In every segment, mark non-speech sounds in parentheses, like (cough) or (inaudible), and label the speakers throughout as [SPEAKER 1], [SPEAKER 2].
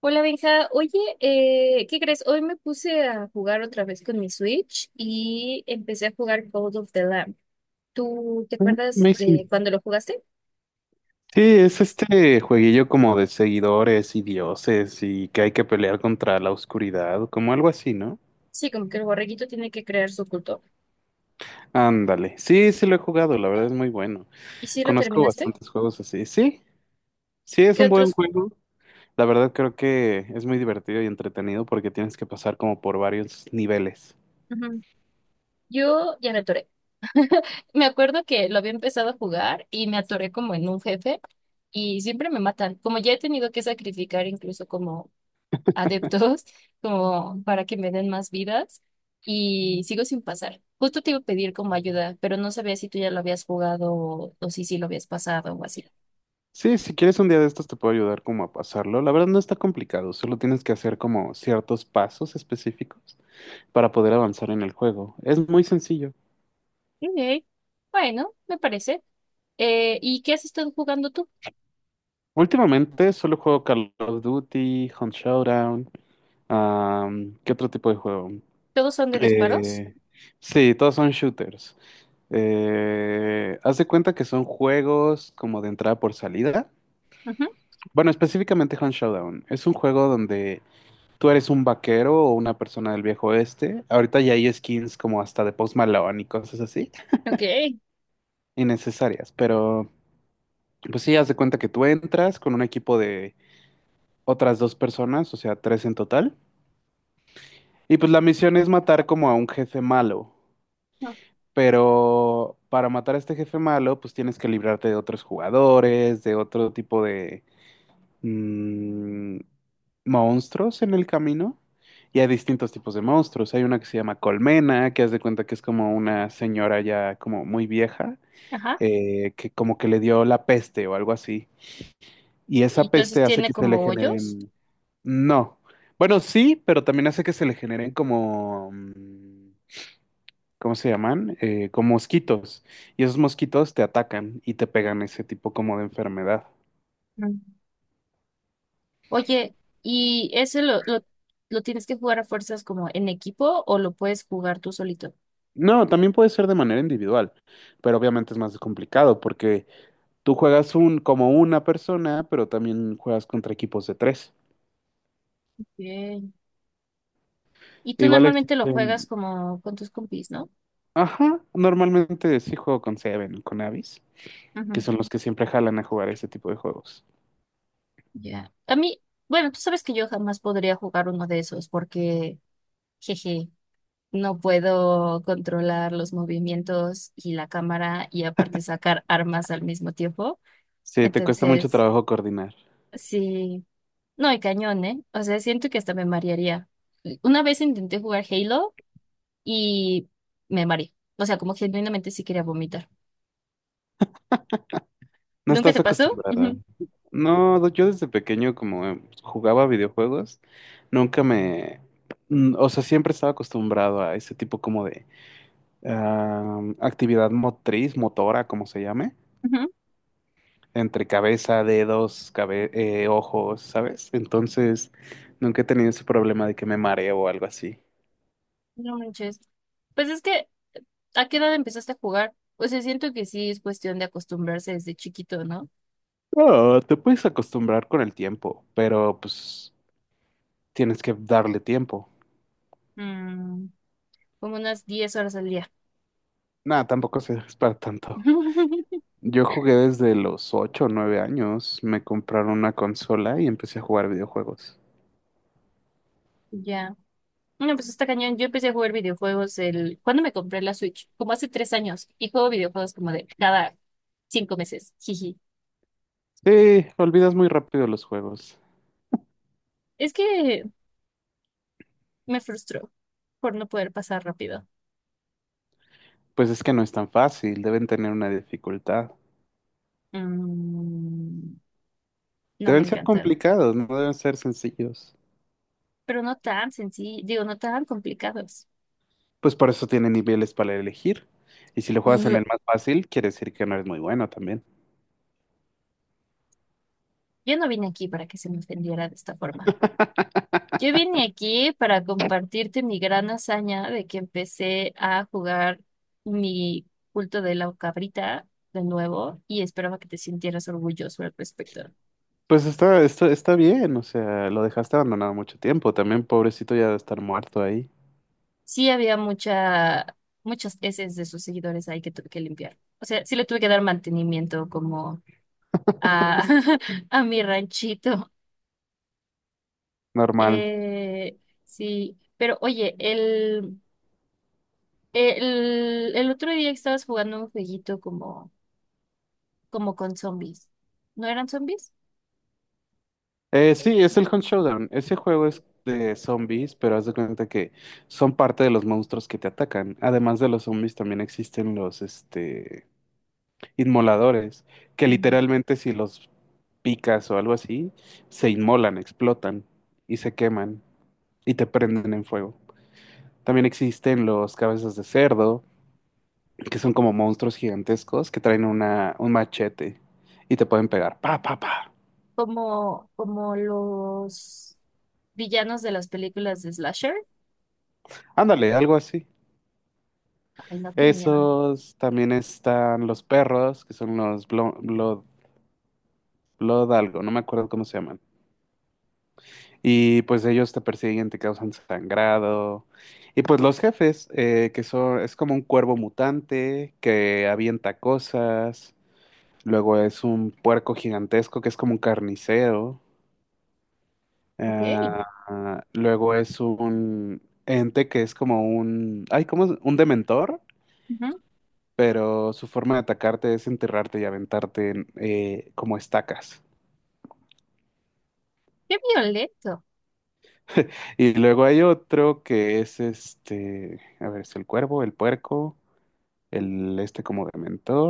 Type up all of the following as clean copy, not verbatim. [SPEAKER 1] Hola Benja, oye, ¿qué crees? Hoy me puse a jugar otra vez con mi Switch y empecé a jugar Call of the Lamb. ¿Tú te
[SPEAKER 2] Ah,
[SPEAKER 1] acuerdas de
[SPEAKER 2] amazing.
[SPEAKER 1] cuando lo jugaste?
[SPEAKER 2] Sí, es este jueguillo como de seguidores y dioses y que hay que pelear contra la oscuridad, como algo así, ¿no?
[SPEAKER 1] Sí, como que el borreguito tiene que crear su culto.
[SPEAKER 2] Ándale. Sí, sí lo he jugado, la verdad es muy bueno.
[SPEAKER 1] ¿Y si lo
[SPEAKER 2] Conozco
[SPEAKER 1] terminaste?
[SPEAKER 2] bastantes juegos así. Sí, sí es
[SPEAKER 1] ¿Qué
[SPEAKER 2] un buen
[SPEAKER 1] otros?
[SPEAKER 2] juego. La verdad creo que es muy divertido y entretenido porque tienes que pasar como por varios niveles.
[SPEAKER 1] Ujú. Yo ya me atoré. Me acuerdo que lo había empezado a jugar y me atoré como en un jefe y siempre me matan. Como ya he tenido que sacrificar incluso como adeptos como para que me den más vidas y sigo sin pasar. Justo te iba a pedir como ayuda, pero no sabía si tú ya lo habías jugado o si sí lo habías pasado o así.
[SPEAKER 2] Sí, si quieres un día de estos te puedo ayudar como a pasarlo. La verdad no está complicado, solo tienes que hacer como ciertos pasos específicos para poder avanzar en el juego. Es muy sencillo.
[SPEAKER 1] Ok. Bueno, me parece. ¿Y qué has estado jugando tú?
[SPEAKER 2] Últimamente solo juego Call of Duty, Hunt Showdown, ¿qué otro tipo de juego?
[SPEAKER 1] ¿Todos son de disparos?
[SPEAKER 2] Eh, sí, todos son shooters. Haz de cuenta que son juegos como de entrada por salida.
[SPEAKER 1] Ujú.
[SPEAKER 2] Bueno, específicamente Hunt Showdown. Es un juego donde tú eres un vaquero o una persona del viejo oeste. Ahorita ya hay skins como hasta de Post Malone y cosas así,
[SPEAKER 1] Ok.
[SPEAKER 2] innecesarias. Pero pues sí, haz de cuenta que tú entras con un equipo de otras dos personas, o sea, tres en total. Y pues la misión es matar como a un jefe malo,
[SPEAKER 1] Ah.
[SPEAKER 2] pero para matar a este jefe malo, pues tienes que librarte de otros jugadores, de otro tipo de mm, monstruos en el camino. Y hay distintos tipos de monstruos. Hay una que se llama Colmena, que haz de cuenta que es como una señora ya como muy vieja,
[SPEAKER 1] Ajá.
[SPEAKER 2] que como que le dio la peste o algo así. Y
[SPEAKER 1] Y
[SPEAKER 2] esa
[SPEAKER 1] entonces
[SPEAKER 2] peste hace
[SPEAKER 1] tiene
[SPEAKER 2] que se le
[SPEAKER 1] como hoyos.
[SPEAKER 2] generen... No. Bueno, sí, pero también hace que se le generen como... ¿cómo se llaman? Con mosquitos. Y esos mosquitos te atacan y te pegan ese tipo como de enfermedad.
[SPEAKER 1] Mm. Oye, ¿y ese lo tienes que jugar a fuerzas como en equipo o lo puedes jugar tú solito?
[SPEAKER 2] No, también puede ser de manera individual, pero obviamente es más complicado porque tú juegas un, como una persona, pero también juegas contra equipos de tres.
[SPEAKER 1] Ok. Y tú
[SPEAKER 2] Igual
[SPEAKER 1] normalmente lo juegas
[SPEAKER 2] existen...
[SPEAKER 1] como con tus compis, ¿no?
[SPEAKER 2] Ajá, normalmente sí juego con Seven o con Avis, que
[SPEAKER 1] Ujú.
[SPEAKER 2] son los que siempre jalan a jugar ese tipo de juegos.
[SPEAKER 1] Ya. A mí, bueno, tú sabes que yo jamás podría jugar uno de esos porque, jeje, no puedo controlar los movimientos y la cámara y aparte sacar armas al mismo tiempo.
[SPEAKER 2] Sí, te cuesta mucho
[SPEAKER 1] Entonces,
[SPEAKER 2] trabajo coordinar.
[SPEAKER 1] sí, no, y cañón, ¿eh? O sea, siento que hasta me marearía. Una vez intenté jugar Halo y me mareé. O sea, como genuinamente sí quería vomitar.
[SPEAKER 2] No
[SPEAKER 1] ¿Nunca te
[SPEAKER 2] estás
[SPEAKER 1] pasó?
[SPEAKER 2] acostumbrada.
[SPEAKER 1] Ujú.
[SPEAKER 2] No, yo desde pequeño como jugaba videojuegos, nunca me, o sea, siempre estaba acostumbrado a ese tipo como de actividad motriz, motora, como se llame,
[SPEAKER 1] Ujú.
[SPEAKER 2] entre cabeza, dedos, ojos, ¿sabes? Entonces, nunca he tenido ese problema de que me mareo o algo así.
[SPEAKER 1] No manches. Pues es que ¿a qué edad empezaste a jugar? O sea, siento que sí es cuestión de acostumbrarse desde chiquito, ¿no?
[SPEAKER 2] No, te puedes acostumbrar con el tiempo, pero pues tienes que darle tiempo.
[SPEAKER 1] Mm. Como unas 10 horas al día.
[SPEAKER 2] Nada, tampoco se es para tanto.
[SPEAKER 1] (laughs)
[SPEAKER 2] Yo jugué desde los ocho o 9 años. Me compraron una consola y empecé a jugar videojuegos.
[SPEAKER 1] Ya. No, pues está cañón. Yo empecé a jugar videojuegos el... ¿Cuándo me compré la Switch? Como hace 3 años. Y juego videojuegos como de cada 5 meses. Jiji.
[SPEAKER 2] Sí, olvidas muy rápido los juegos.
[SPEAKER 1] Es que me frustró por no poder pasar rápido.
[SPEAKER 2] Pues es que no es tan fácil, deben tener una dificultad.
[SPEAKER 1] Mm. No me
[SPEAKER 2] Deben ser
[SPEAKER 1] encantan.
[SPEAKER 2] complicados, no deben ser sencillos.
[SPEAKER 1] Pero no tan sencillo, digo, no tan complicados.
[SPEAKER 2] Pues por eso tienen niveles para elegir. Y si lo juegas en el
[SPEAKER 1] Ugh.
[SPEAKER 2] más fácil, quiere decir que no eres muy bueno también.
[SPEAKER 1] Yo no vine aquí para que se me ofendiera de esta forma. Yo vine aquí para compartirte mi gran hazaña de que empecé a jugar mi culto de la cabrita de nuevo y esperaba que te sintieras orgulloso al respecto.
[SPEAKER 2] Pues está, esto está bien, o sea, lo dejaste abandonado mucho tiempo. También pobrecito ya de estar muerto ahí.
[SPEAKER 1] Sí había mucha, muchas heces de sus seguidores ahí que tuve que limpiar. O sea, sí le tuve que dar mantenimiento como a, (laughs) a mi ranchito.
[SPEAKER 2] Normal.
[SPEAKER 1] Eh, sí, pero oye, el otro día que estabas jugando un jueguito como como con zombies. ¿No eran zombies?
[SPEAKER 2] Sí, es el Hunt Showdown. Ese juego es de zombies, pero haz de cuenta que son parte de los monstruos que te atacan. Además de los zombies, también existen los, este, inmoladores, que
[SPEAKER 1] Mm.
[SPEAKER 2] literalmente si los picas o algo así, se inmolan, explotan y se queman y te prenden en fuego. También existen los cabezas de cerdo, que son como monstruos gigantescos que traen una, un machete y te pueden pegar. Pa, pa, pa.
[SPEAKER 1] Como, como los villanos de las películas de Slasher.
[SPEAKER 2] Ándale, algo así.
[SPEAKER 1] Ay, no, qué miedo.
[SPEAKER 2] Esos también están los perros, que son los blood, algo, no me acuerdo cómo se llaman. Y pues ellos te persiguen, te causan sangrado. Y pues los jefes, que son, es como un cuervo mutante que avienta cosas. Luego es un puerco gigantesco que es como un carnicero.
[SPEAKER 1] Ok.
[SPEAKER 2] Luego es un ente que es como un, ay, ¿cómo es? Un dementor,
[SPEAKER 1] Ujú.
[SPEAKER 2] pero su forma de atacarte es enterrarte y aventarte en, como estacas.
[SPEAKER 1] Qué violento.
[SPEAKER 2] Y luego hay otro que es este, a ver, es el cuervo, el puerco, el este como de...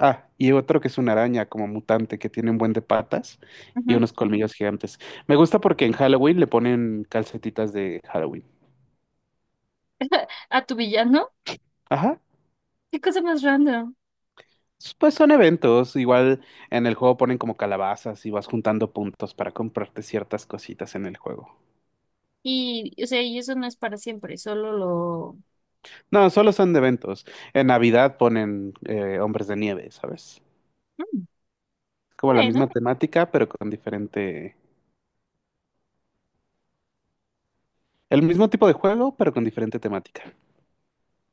[SPEAKER 2] Ah, y otro que es una araña como mutante que tiene un buen de patas y
[SPEAKER 1] Ujú.
[SPEAKER 2] unos colmillos gigantes. Me gusta porque en Halloween le ponen calcetitas de Halloween.
[SPEAKER 1] ¿A tu villano?
[SPEAKER 2] Ajá.
[SPEAKER 1] Qué cosa más random.
[SPEAKER 2] Pues son eventos, igual en el juego ponen como calabazas y vas juntando puntos para comprarte ciertas cositas en el juego.
[SPEAKER 1] Y, o sea, y eso no es para siempre, solo lo...
[SPEAKER 2] No, solo son de eventos. En Navidad ponen Hombres de Nieve, ¿sabes?
[SPEAKER 1] Mm.
[SPEAKER 2] Como la misma
[SPEAKER 1] Bueno,
[SPEAKER 2] temática, pero con diferente... El mismo tipo de juego, pero con diferente temática.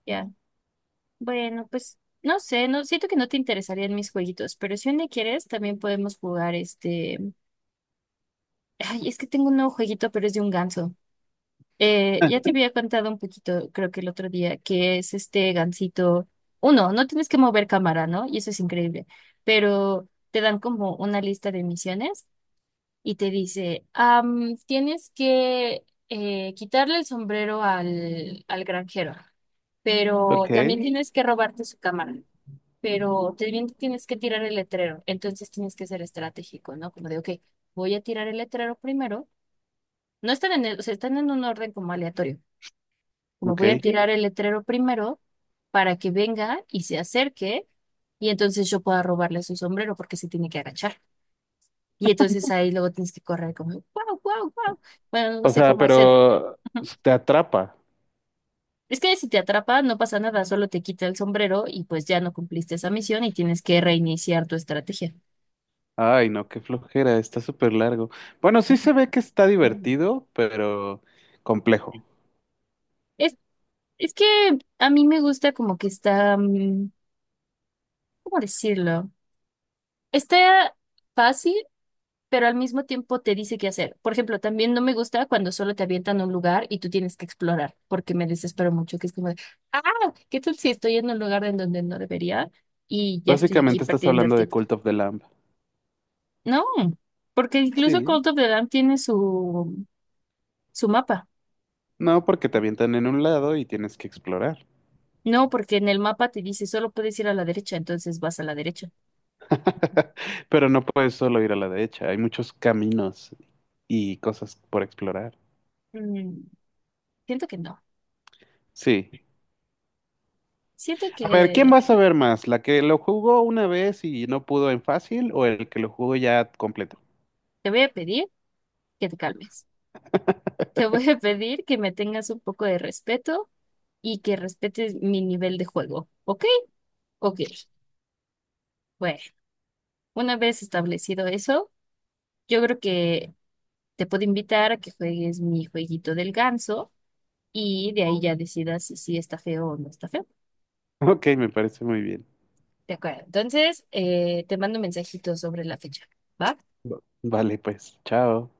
[SPEAKER 1] ya. Bueno, pues no sé, no siento que no te interesarían mis jueguitos, pero si un día quieres, también podemos jugar este... Ay, es que tengo un nuevo jueguito, pero es de un ganso. Ya te
[SPEAKER 2] (laughs)
[SPEAKER 1] había contado un poquito, creo que el otro día, que es este gansito. Uno, no tienes que mover cámara, ¿no? Y eso es increíble. Pero te dan como una lista de misiones y te dice, tienes que quitarle el sombrero al granjero, pero
[SPEAKER 2] Ok,
[SPEAKER 1] también tienes que robarte su cámara, pero también tienes que tirar el letrero. Entonces tienes que ser estratégico, ¿no? Como de, ok, voy a tirar el letrero primero. No están en el, o sea, están en un orden como aleatorio como
[SPEAKER 2] ok.
[SPEAKER 1] voy a tirar el letrero primero para que venga y se acerque y entonces yo pueda robarle su sombrero porque se tiene que agachar. Y entonces ahí luego tienes que correr como, wow, wow, wow. Bueno, no
[SPEAKER 2] O
[SPEAKER 1] sé
[SPEAKER 2] sea,
[SPEAKER 1] cómo hacer.
[SPEAKER 2] pero
[SPEAKER 1] Ujú.
[SPEAKER 2] te atrapa.
[SPEAKER 1] Es que si te atrapa, no pasa nada, solo te quita el sombrero y pues ya no cumpliste esa misión y tienes que reiniciar tu estrategia.
[SPEAKER 2] Ay, no, qué flojera, está súper largo. Bueno, sí se ve que está divertido, pero complejo.
[SPEAKER 1] Es, es que a mí me gusta como que está, mm, ¿cómo decirlo? Está fácil pero al mismo tiempo te dice qué hacer. Por ejemplo, también no me gusta cuando solo te avientan a un lugar y tú tienes que explorar, porque me desespero mucho, que es como de, ah, ¿qué tal si estoy en un lugar en donde no debería y ya estoy aquí
[SPEAKER 2] Básicamente estás
[SPEAKER 1] perdiendo el
[SPEAKER 2] hablando de
[SPEAKER 1] tiempo?
[SPEAKER 2] Cult of the Lamb.
[SPEAKER 1] No, porque incluso Call
[SPEAKER 2] Sí.
[SPEAKER 1] of the Lamb tiene su, su mapa.
[SPEAKER 2] No, porque te avientan en un lado y tienes que explorar.
[SPEAKER 1] No, porque en el mapa te dice solo puedes ir a la derecha, entonces vas a la derecha.
[SPEAKER 2] (laughs) Pero no puedes solo ir a la derecha, hay muchos caminos y cosas por explorar.
[SPEAKER 1] Mm, siento que no.
[SPEAKER 2] Sí.
[SPEAKER 1] Siento
[SPEAKER 2] A ver, ¿quién
[SPEAKER 1] que
[SPEAKER 2] vas a ver más? ¿La que lo jugó una vez y no pudo en fácil o el que lo jugó ya completo? (laughs)
[SPEAKER 1] te voy a pedir que te calmes. Te voy a pedir que me tengas un poco de respeto y que respetes mi nivel de juego. ¿Ok? Ok. Bueno, una vez establecido eso, yo creo que te puedo invitar a que juegues mi jueguito del ganso y de ahí ya decidas si sí está feo o no está feo.
[SPEAKER 2] Ok, me parece muy bien.
[SPEAKER 1] De acuerdo. Entonces, te mando un mensajito sobre la fecha. ¿Va?
[SPEAKER 2] Vale, pues, chao.